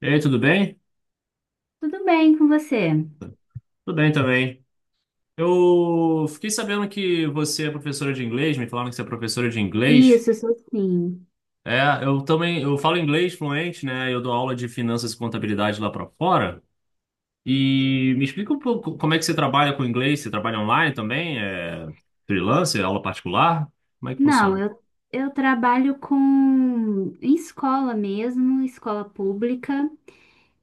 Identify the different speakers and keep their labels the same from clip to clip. Speaker 1: E aí, tudo bem?
Speaker 2: Tudo bem com você?
Speaker 1: Tudo bem também. Eu fiquei sabendo que você é professora de inglês, me falaram que você é professora de inglês.
Speaker 2: Isso, eu sou sim.
Speaker 1: É, eu também, eu falo inglês fluente, né? Eu dou aula de finanças e contabilidade lá para fora. E me explica um pouco como é que você trabalha com inglês, você trabalha online também? É freelancer, aula particular? Como é que
Speaker 2: Não,
Speaker 1: funciona?
Speaker 2: eu, eu trabalho com em escola mesmo, escola pública,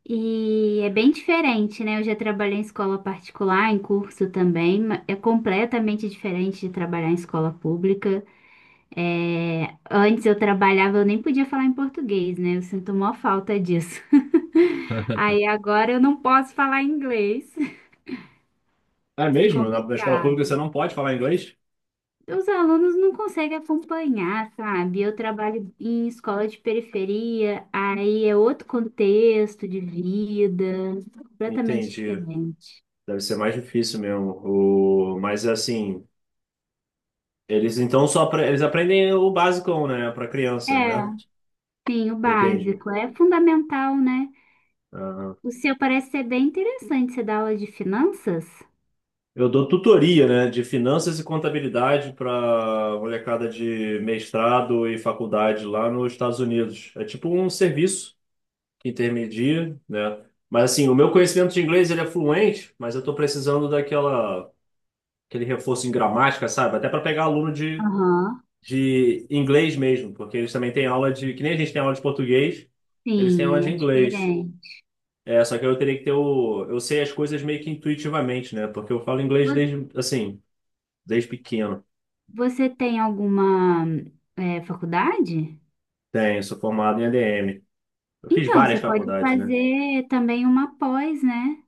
Speaker 2: e é bem diferente, né? Eu já trabalhei em escola particular, em curso também, é completamente diferente de trabalhar em escola pública. É, antes eu trabalhava, eu nem podia falar em português, né? Eu sinto maior falta disso. Aí agora eu não posso falar inglês.
Speaker 1: É mesmo? Na escola pública você
Speaker 2: Complicado.
Speaker 1: não pode falar inglês?
Speaker 2: Os alunos não conseguem acompanhar, sabe? Eu trabalho em escola de periferia, aí é outro contexto de vida, completamente
Speaker 1: Entendi.
Speaker 2: diferente.
Speaker 1: Deve ser mais difícil mesmo. O... Mas assim, eles então só eles aprendem o basicão, né, para
Speaker 2: É,
Speaker 1: criança, né?
Speaker 2: sim, o
Speaker 1: Entendi.
Speaker 2: básico é fundamental, né?
Speaker 1: Aham.
Speaker 2: O seu parece ser bem interessante, você dá aula de finanças?
Speaker 1: Eu dou tutoria, né, de finanças e contabilidade para molecada de mestrado e faculdade lá nos Estados Unidos. É tipo um serviço que intermedia, né? Mas assim, o meu conhecimento de inglês ele é fluente, mas eu estou precisando daquela aquele reforço em gramática, sabe? Até para pegar aluno
Speaker 2: Aham,
Speaker 1: de inglês mesmo, porque eles também têm aula de que nem a gente tem aula de português, eles têm aula
Speaker 2: sim,
Speaker 1: de
Speaker 2: é
Speaker 1: inglês.
Speaker 2: diferente.
Speaker 1: É, só que eu teria que ter o. Eu sei as coisas meio que intuitivamente, né? Porque eu falo inglês
Speaker 2: Vo-
Speaker 1: desde, assim, desde pequeno.
Speaker 2: Você tem alguma, é, faculdade?
Speaker 1: Tenho, sou formado em ADM. Eu fiz
Speaker 2: Então,
Speaker 1: várias
Speaker 2: você pode
Speaker 1: faculdades, né?
Speaker 2: fazer também uma pós, né?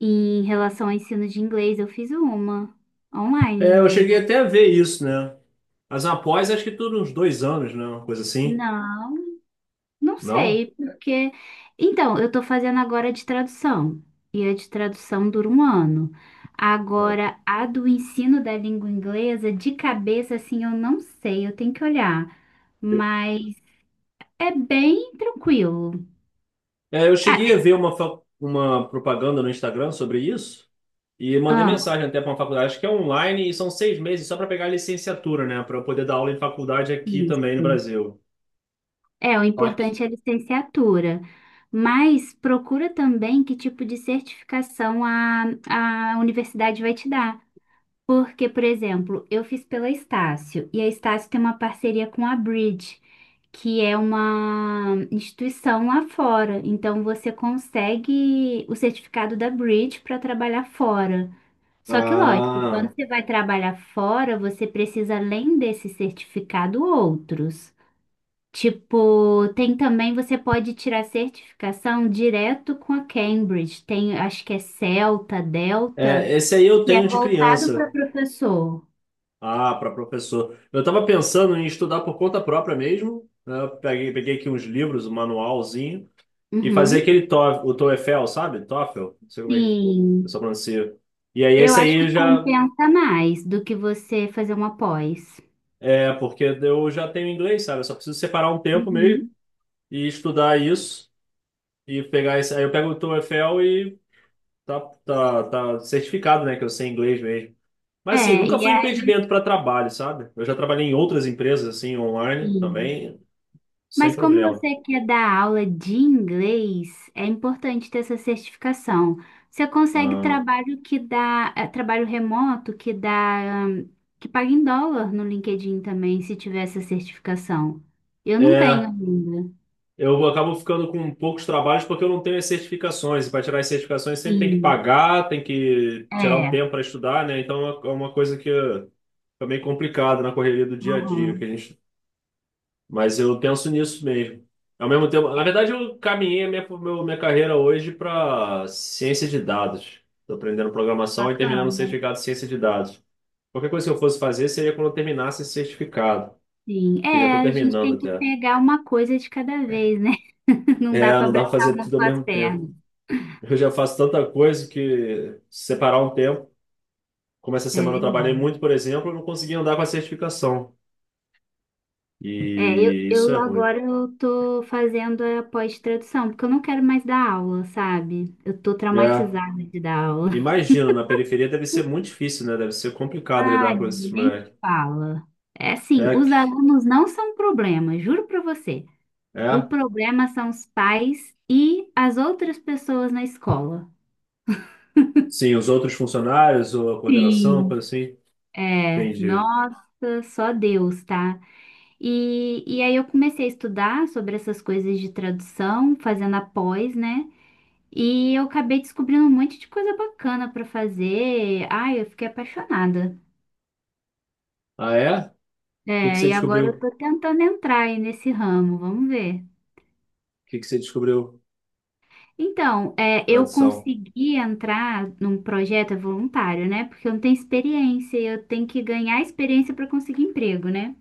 Speaker 2: Em relação ao ensino de inglês, eu fiz uma online
Speaker 1: É, eu cheguei
Speaker 2: mesmo.
Speaker 1: até a ver isso, né? Mas após, acho que tudo uns dois anos, né? Uma coisa assim.
Speaker 2: Não, não
Speaker 1: Não?
Speaker 2: sei, porque. Então, eu tô fazendo agora de tradução, e a de tradução dura um ano.
Speaker 1: Não.
Speaker 2: Agora, a do ensino da língua inglesa, de cabeça, assim, eu não sei, eu tenho que olhar. Mas é bem tranquilo.
Speaker 1: É, eu
Speaker 2: Ah,
Speaker 1: cheguei a ver uma, uma propaganda no Instagram sobre isso e mandei
Speaker 2: ah,
Speaker 1: mensagem até para uma faculdade, acho que é online, e são seis meses só para pegar a licenciatura, né? Para eu poder dar aula em faculdade aqui também no
Speaker 2: isso.
Speaker 1: Brasil.
Speaker 2: É, o
Speaker 1: Só que-
Speaker 2: importante é a licenciatura, mas procura também que tipo de certificação a universidade vai te dar. Porque, por exemplo, eu fiz pela Estácio, e a Estácio tem uma parceria com a Bridge, que é uma instituição lá fora. Então, você consegue o certificado da Bridge para trabalhar fora. Só que, lógico, quando
Speaker 1: Ah.
Speaker 2: você vai trabalhar fora, você precisa, além desse certificado, outros. Tipo, tem também, você pode tirar certificação direto com a Cambridge. Tem, acho que é Celta, Delta,
Speaker 1: É, esse aí eu
Speaker 2: que é
Speaker 1: tenho de
Speaker 2: voltado para
Speaker 1: criança.
Speaker 2: professor.
Speaker 1: Ah, para professor. Eu estava pensando em estudar por conta própria mesmo, né? Eu peguei aqui uns livros, um manualzinho, e fazer
Speaker 2: Uhum.
Speaker 1: o TOEFL, sabe? TOEFL, não sei como é que o
Speaker 2: Sim,
Speaker 1: pessoal pronuncia. E aí
Speaker 2: eu
Speaker 1: esse
Speaker 2: acho
Speaker 1: aí eu
Speaker 2: que
Speaker 1: já
Speaker 2: compensa mais do que você fazer uma pós.
Speaker 1: é porque eu já tenho inglês, sabe? Eu só preciso separar um tempo
Speaker 2: Uhum.
Speaker 1: mesmo e estudar isso e pegar esse. Aí eu pego o TOEFL e tá, tá certificado, né? Que eu sei inglês mesmo. Mas assim,
Speaker 2: É,
Speaker 1: nunca
Speaker 2: e
Speaker 1: foi um
Speaker 2: aí,
Speaker 1: impedimento para trabalho, sabe? Eu já trabalhei em outras empresas assim online
Speaker 2: sim.
Speaker 1: também, sem
Speaker 2: Mas como
Speaker 1: problema.
Speaker 2: você quer dar aula de inglês, é importante ter essa certificação. Você consegue
Speaker 1: Ah,
Speaker 2: trabalho que dá, trabalho remoto que dá, que paga em dólar no LinkedIn também, se tiver essa certificação. Eu não tenho
Speaker 1: é,
Speaker 2: ainda.
Speaker 1: eu acabo ficando com poucos trabalhos porque eu não tenho as certificações. E para tirar as certificações sempre tem que
Speaker 2: Sim,
Speaker 1: pagar, tem que tirar um
Speaker 2: é.
Speaker 1: tempo para estudar, né? Então é uma coisa que fica meio complicada na correria do dia a dia que
Speaker 2: Uhum.
Speaker 1: a gente. Mas eu penso nisso mesmo. Ao mesmo tempo, na verdade, eu caminhei minha carreira hoje para ciência de dados. Estou aprendendo programação e terminando o
Speaker 2: Bacana.
Speaker 1: certificado de ciência de dados. Qualquer coisa que eu fosse fazer seria quando eu terminasse esse certificado.
Speaker 2: Sim,
Speaker 1: Que já
Speaker 2: é,
Speaker 1: estou
Speaker 2: a gente
Speaker 1: terminando
Speaker 2: tem que
Speaker 1: até.
Speaker 2: pegar uma coisa de cada vez, né? Não
Speaker 1: É,
Speaker 2: dá para
Speaker 1: não dá para
Speaker 2: abraçar o
Speaker 1: fazer
Speaker 2: mundo
Speaker 1: tudo ao
Speaker 2: com as
Speaker 1: mesmo tempo.
Speaker 2: pernas.
Speaker 1: Eu já faço tanta coisa que se separar um tempo, como essa
Speaker 2: É
Speaker 1: semana eu trabalhei
Speaker 2: verdade.
Speaker 1: muito, por exemplo, eu não consegui andar com a certificação.
Speaker 2: É, eu,
Speaker 1: E isso é
Speaker 2: eu
Speaker 1: ruim.
Speaker 2: agora eu tô fazendo a pós-tradução, porque eu não quero mais dar aula, sabe? Eu tô
Speaker 1: É.
Speaker 2: traumatizada de dar aula.
Speaker 1: Imagino, na periferia deve ser muito difícil, né? Deve ser complicado lidar
Speaker 2: Ai,
Speaker 1: com esses
Speaker 2: nem
Speaker 1: moleques.
Speaker 2: fala. É assim,
Speaker 1: É,
Speaker 2: os alunos não são um problema, juro pra você. O
Speaker 1: é.
Speaker 2: problema são os pais e as outras pessoas na escola.
Speaker 1: Sim, os outros funcionários ou a coordenação,
Speaker 2: Sim,
Speaker 1: coisa assim.
Speaker 2: é,
Speaker 1: Entendi.
Speaker 2: nossa, só Deus, tá? E aí eu comecei a estudar sobre essas coisas de tradução, fazendo a pós, né? E eu acabei descobrindo um monte de coisa bacana pra fazer. Ai, eu fiquei apaixonada.
Speaker 1: Ah, é? O que que
Speaker 2: É,
Speaker 1: você
Speaker 2: e agora
Speaker 1: descobriu?
Speaker 2: eu
Speaker 1: O
Speaker 2: tô tentando entrar aí nesse ramo, vamos ver.
Speaker 1: que que você descobriu?
Speaker 2: Então, é, eu
Speaker 1: Tradução.
Speaker 2: consegui entrar num projeto é voluntário, né? Porque eu não tenho experiência, e eu tenho que ganhar experiência para conseguir emprego, né?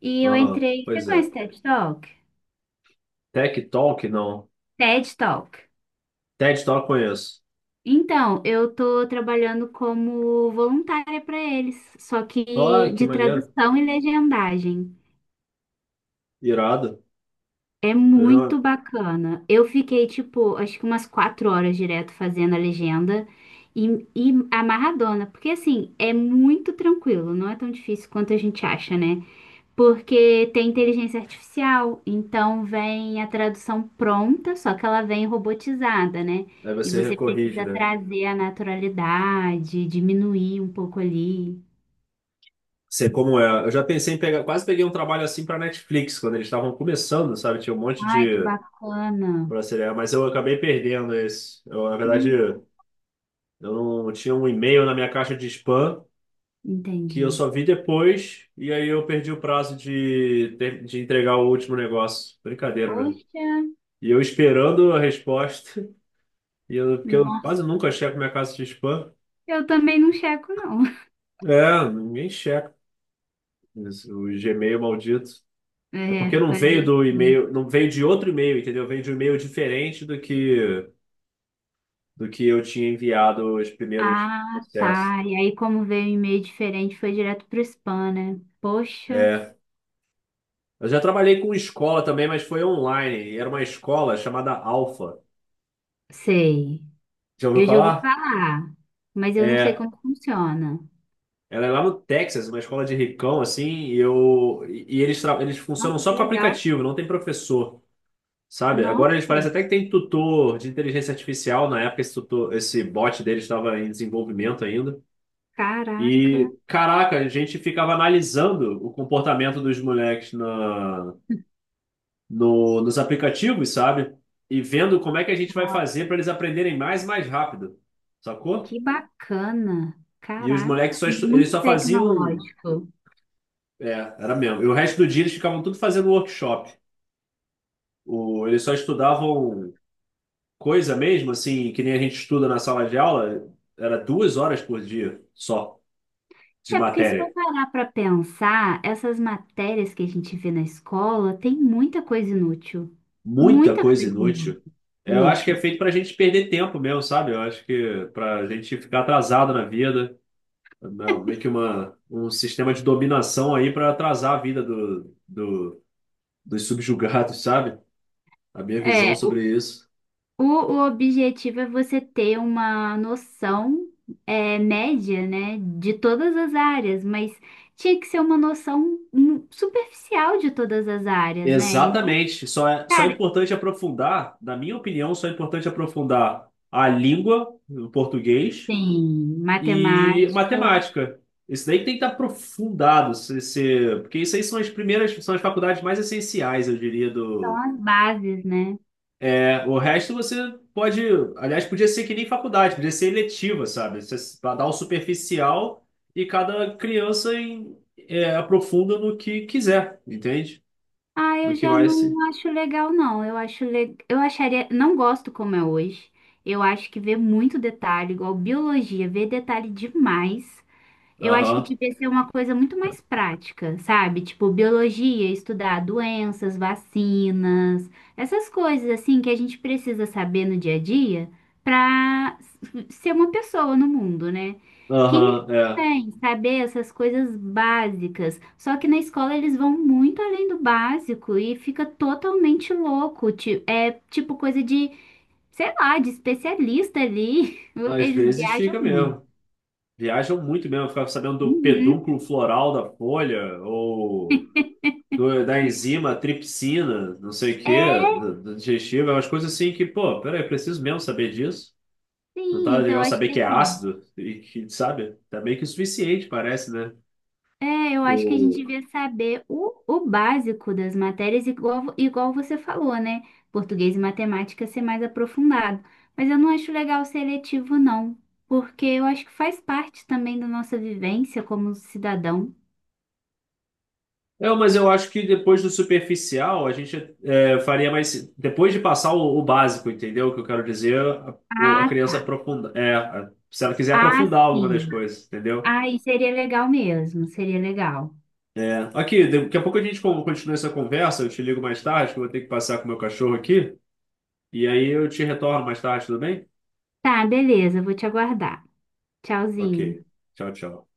Speaker 2: E eu
Speaker 1: Aham,
Speaker 2: entrei. Você
Speaker 1: pois é.
Speaker 2: conhece TED Talk?
Speaker 1: Tech Talk, não.
Speaker 2: TED Talk.
Speaker 1: TED Talk conheço.
Speaker 2: Então, eu tô trabalhando como voluntária para eles, só que
Speaker 1: Ah, que
Speaker 2: de
Speaker 1: maneiro.
Speaker 2: tradução e legendagem.
Speaker 1: Irado.
Speaker 2: É
Speaker 1: Eu já...
Speaker 2: muito bacana. Eu fiquei, tipo, acho que umas quatro horas direto fazendo a legenda e amarradona, porque assim, é muito tranquilo, não é tão difícil quanto a gente acha, né? Porque tem inteligência artificial, então vem a tradução pronta, só que ela vem robotizada, né?
Speaker 1: Aí
Speaker 2: E
Speaker 1: você
Speaker 2: você
Speaker 1: recorrige,
Speaker 2: precisa
Speaker 1: né?
Speaker 2: trazer a naturalidade, diminuir um pouco ali.
Speaker 1: Sei como é. Eu já pensei em pegar... Quase peguei um trabalho assim para Netflix, quando eles estavam começando, sabe? Tinha um monte
Speaker 2: Ai, que
Speaker 1: de...
Speaker 2: bacana.
Speaker 1: Pra seriar, mas eu acabei perdendo esse.
Speaker 2: Hum,
Speaker 1: Eu não tinha um e-mail na minha caixa de spam que eu
Speaker 2: entendi.
Speaker 1: só vi depois e aí eu perdi o prazo de entregar o último negócio. Brincadeira, né?
Speaker 2: Poxa,
Speaker 1: E eu esperando a resposta, e eu, porque eu
Speaker 2: nossa.
Speaker 1: quase nunca checo minha caixa de spam.
Speaker 2: Eu também não checo, não.
Speaker 1: É, ninguém checa isso, o Gmail maldito. É porque
Speaker 2: É,
Speaker 1: não
Speaker 2: fazer
Speaker 1: veio
Speaker 2: o
Speaker 1: do
Speaker 2: quê?
Speaker 1: e-mail, não veio de outro e-mail, entendeu? Veio de um e-mail diferente do que eu tinha enviado os primeiros
Speaker 2: Ah,
Speaker 1: processos.
Speaker 2: tá. E aí, como veio um e-mail diferente, foi direto pro spam, né? Poxa,
Speaker 1: É. Eu já trabalhei com escola também, mas foi online. Era uma escola chamada Alpha.
Speaker 2: sei.
Speaker 1: Já ouviu
Speaker 2: Eu já ouvi
Speaker 1: falar?
Speaker 2: falar, mas eu não sei
Speaker 1: É.
Speaker 2: como funciona.
Speaker 1: Ela é lá no Texas, uma escola de ricão, assim, e eu e eles, eles funcionam
Speaker 2: Nossa,
Speaker 1: só
Speaker 2: que
Speaker 1: com
Speaker 2: legal.
Speaker 1: aplicativo, não tem professor. Sabe? Agora eles
Speaker 2: Nossa,
Speaker 1: parecem até que tem tutor de inteligência artificial. Na época, esse tutor, esse bot deles estava em desenvolvimento ainda.
Speaker 2: caraca.
Speaker 1: E, caraca, a gente ficava analisando o comportamento dos moleques na, no, nos aplicativos, sabe? E vendo como é que a gente vai fazer para eles aprenderem mais e mais rápido. Sacou?
Speaker 2: Que bacana!
Speaker 1: E os moleques
Speaker 2: Caraca,
Speaker 1: só, eles
Speaker 2: muito
Speaker 1: só faziam.
Speaker 2: tecnológico.
Speaker 1: É, era mesmo. E o resto do dia eles ficavam tudo fazendo workshop. O, eles só estudavam coisa mesmo, assim, que nem a gente estuda na sala de aula, era duas horas por dia só de
Speaker 2: É porque se for
Speaker 1: matéria.
Speaker 2: parar para pensar, essas matérias que a gente vê na escola tem muita coisa inútil.
Speaker 1: Muita
Speaker 2: Muita
Speaker 1: coisa
Speaker 2: coisa inútil.
Speaker 1: inútil. Eu acho que é
Speaker 2: Inútil.
Speaker 1: feito para a gente perder tempo mesmo, sabe? Eu acho que para a gente ficar atrasado na vida, não, meio que uma, um sistema de dominação aí para atrasar a vida dos subjugados, sabe? A minha visão
Speaker 2: É, o,
Speaker 1: sobre isso.
Speaker 2: o objetivo é você ter uma noção é, média, né, de todas as áreas, mas tinha que ser uma noção superficial de todas as áreas, né? E não,
Speaker 1: Exatamente. Só é
Speaker 2: cara,
Speaker 1: importante aprofundar, na minha opinião, só é importante aprofundar a língua, o português
Speaker 2: sim,
Speaker 1: e
Speaker 2: matemática
Speaker 1: matemática. Isso daí que tem que estar aprofundado, porque isso aí são as primeiras, são as faculdades mais essenciais, eu diria,
Speaker 2: são
Speaker 1: do...
Speaker 2: as bases, né?
Speaker 1: É, o resto você pode... Aliás, podia ser que nem faculdade, podia ser eletiva, sabe? Você dá o superficial e cada é, aprofunda no que quiser, entende?
Speaker 2: Ah,
Speaker 1: No
Speaker 2: eu
Speaker 1: que
Speaker 2: já
Speaker 1: mais...
Speaker 2: não acho legal, não. Eu acho le... eu acharia, não gosto como é hoje. Eu acho que vê muito detalhe, igual biologia, vê detalhe demais. Eu acho que
Speaker 1: aham,
Speaker 2: devia ser uma coisa muito mais prática, sabe? Tipo, biologia, estudar doenças, vacinas, essas coisas assim que a gente precisa saber no dia a dia para ser uma pessoa no mundo, né? Química
Speaker 1: aham, é.
Speaker 2: também, saber essas coisas básicas. Só que na escola eles vão muito além do básico e fica totalmente louco. É tipo coisa de, sei lá, de especialista ali.
Speaker 1: Às
Speaker 2: Eles
Speaker 1: vezes
Speaker 2: viajam
Speaker 1: fica
Speaker 2: muito.
Speaker 1: mesmo. Viajam muito mesmo, ficam sabendo do
Speaker 2: Uhum.
Speaker 1: pedúnculo floral da folha, ou... da enzima tripsina, não sei o quê, do digestivo, é umas coisas assim que, pô, peraí, preciso mesmo saber disso. Não tá
Speaker 2: Sim, então eu
Speaker 1: legal
Speaker 2: acho
Speaker 1: saber
Speaker 2: que
Speaker 1: que é
Speaker 2: assim,
Speaker 1: ácido e que, sabe? Tá meio que o suficiente, parece, né?
Speaker 2: é, eu acho que a gente
Speaker 1: O...
Speaker 2: devia saber o básico das matérias, igual, igual você falou, né? Português e matemática ser mais aprofundado. Mas eu não acho legal seletivo, não, porque eu acho que faz parte também da nossa vivência como cidadão.
Speaker 1: É, mas eu acho que depois do superficial, faria mais. Depois de passar o básico, entendeu? O que eu quero dizer, a
Speaker 2: Ah,
Speaker 1: criança
Speaker 2: tá.
Speaker 1: aprofunda. É, se ela quiser
Speaker 2: Ah,
Speaker 1: aprofundar alguma
Speaker 2: sim.
Speaker 1: das coisas, entendeu?
Speaker 2: Aí seria legal mesmo, seria legal.
Speaker 1: É. Aqui, daqui a pouco a gente continua essa conversa. Eu te ligo mais tarde, que eu vou ter que passar com o meu cachorro aqui. E aí eu te retorno mais tarde, tudo bem?
Speaker 2: Tá, beleza, vou te aguardar.
Speaker 1: Ok.
Speaker 2: Tchauzinho.
Speaker 1: Tchau, tchau.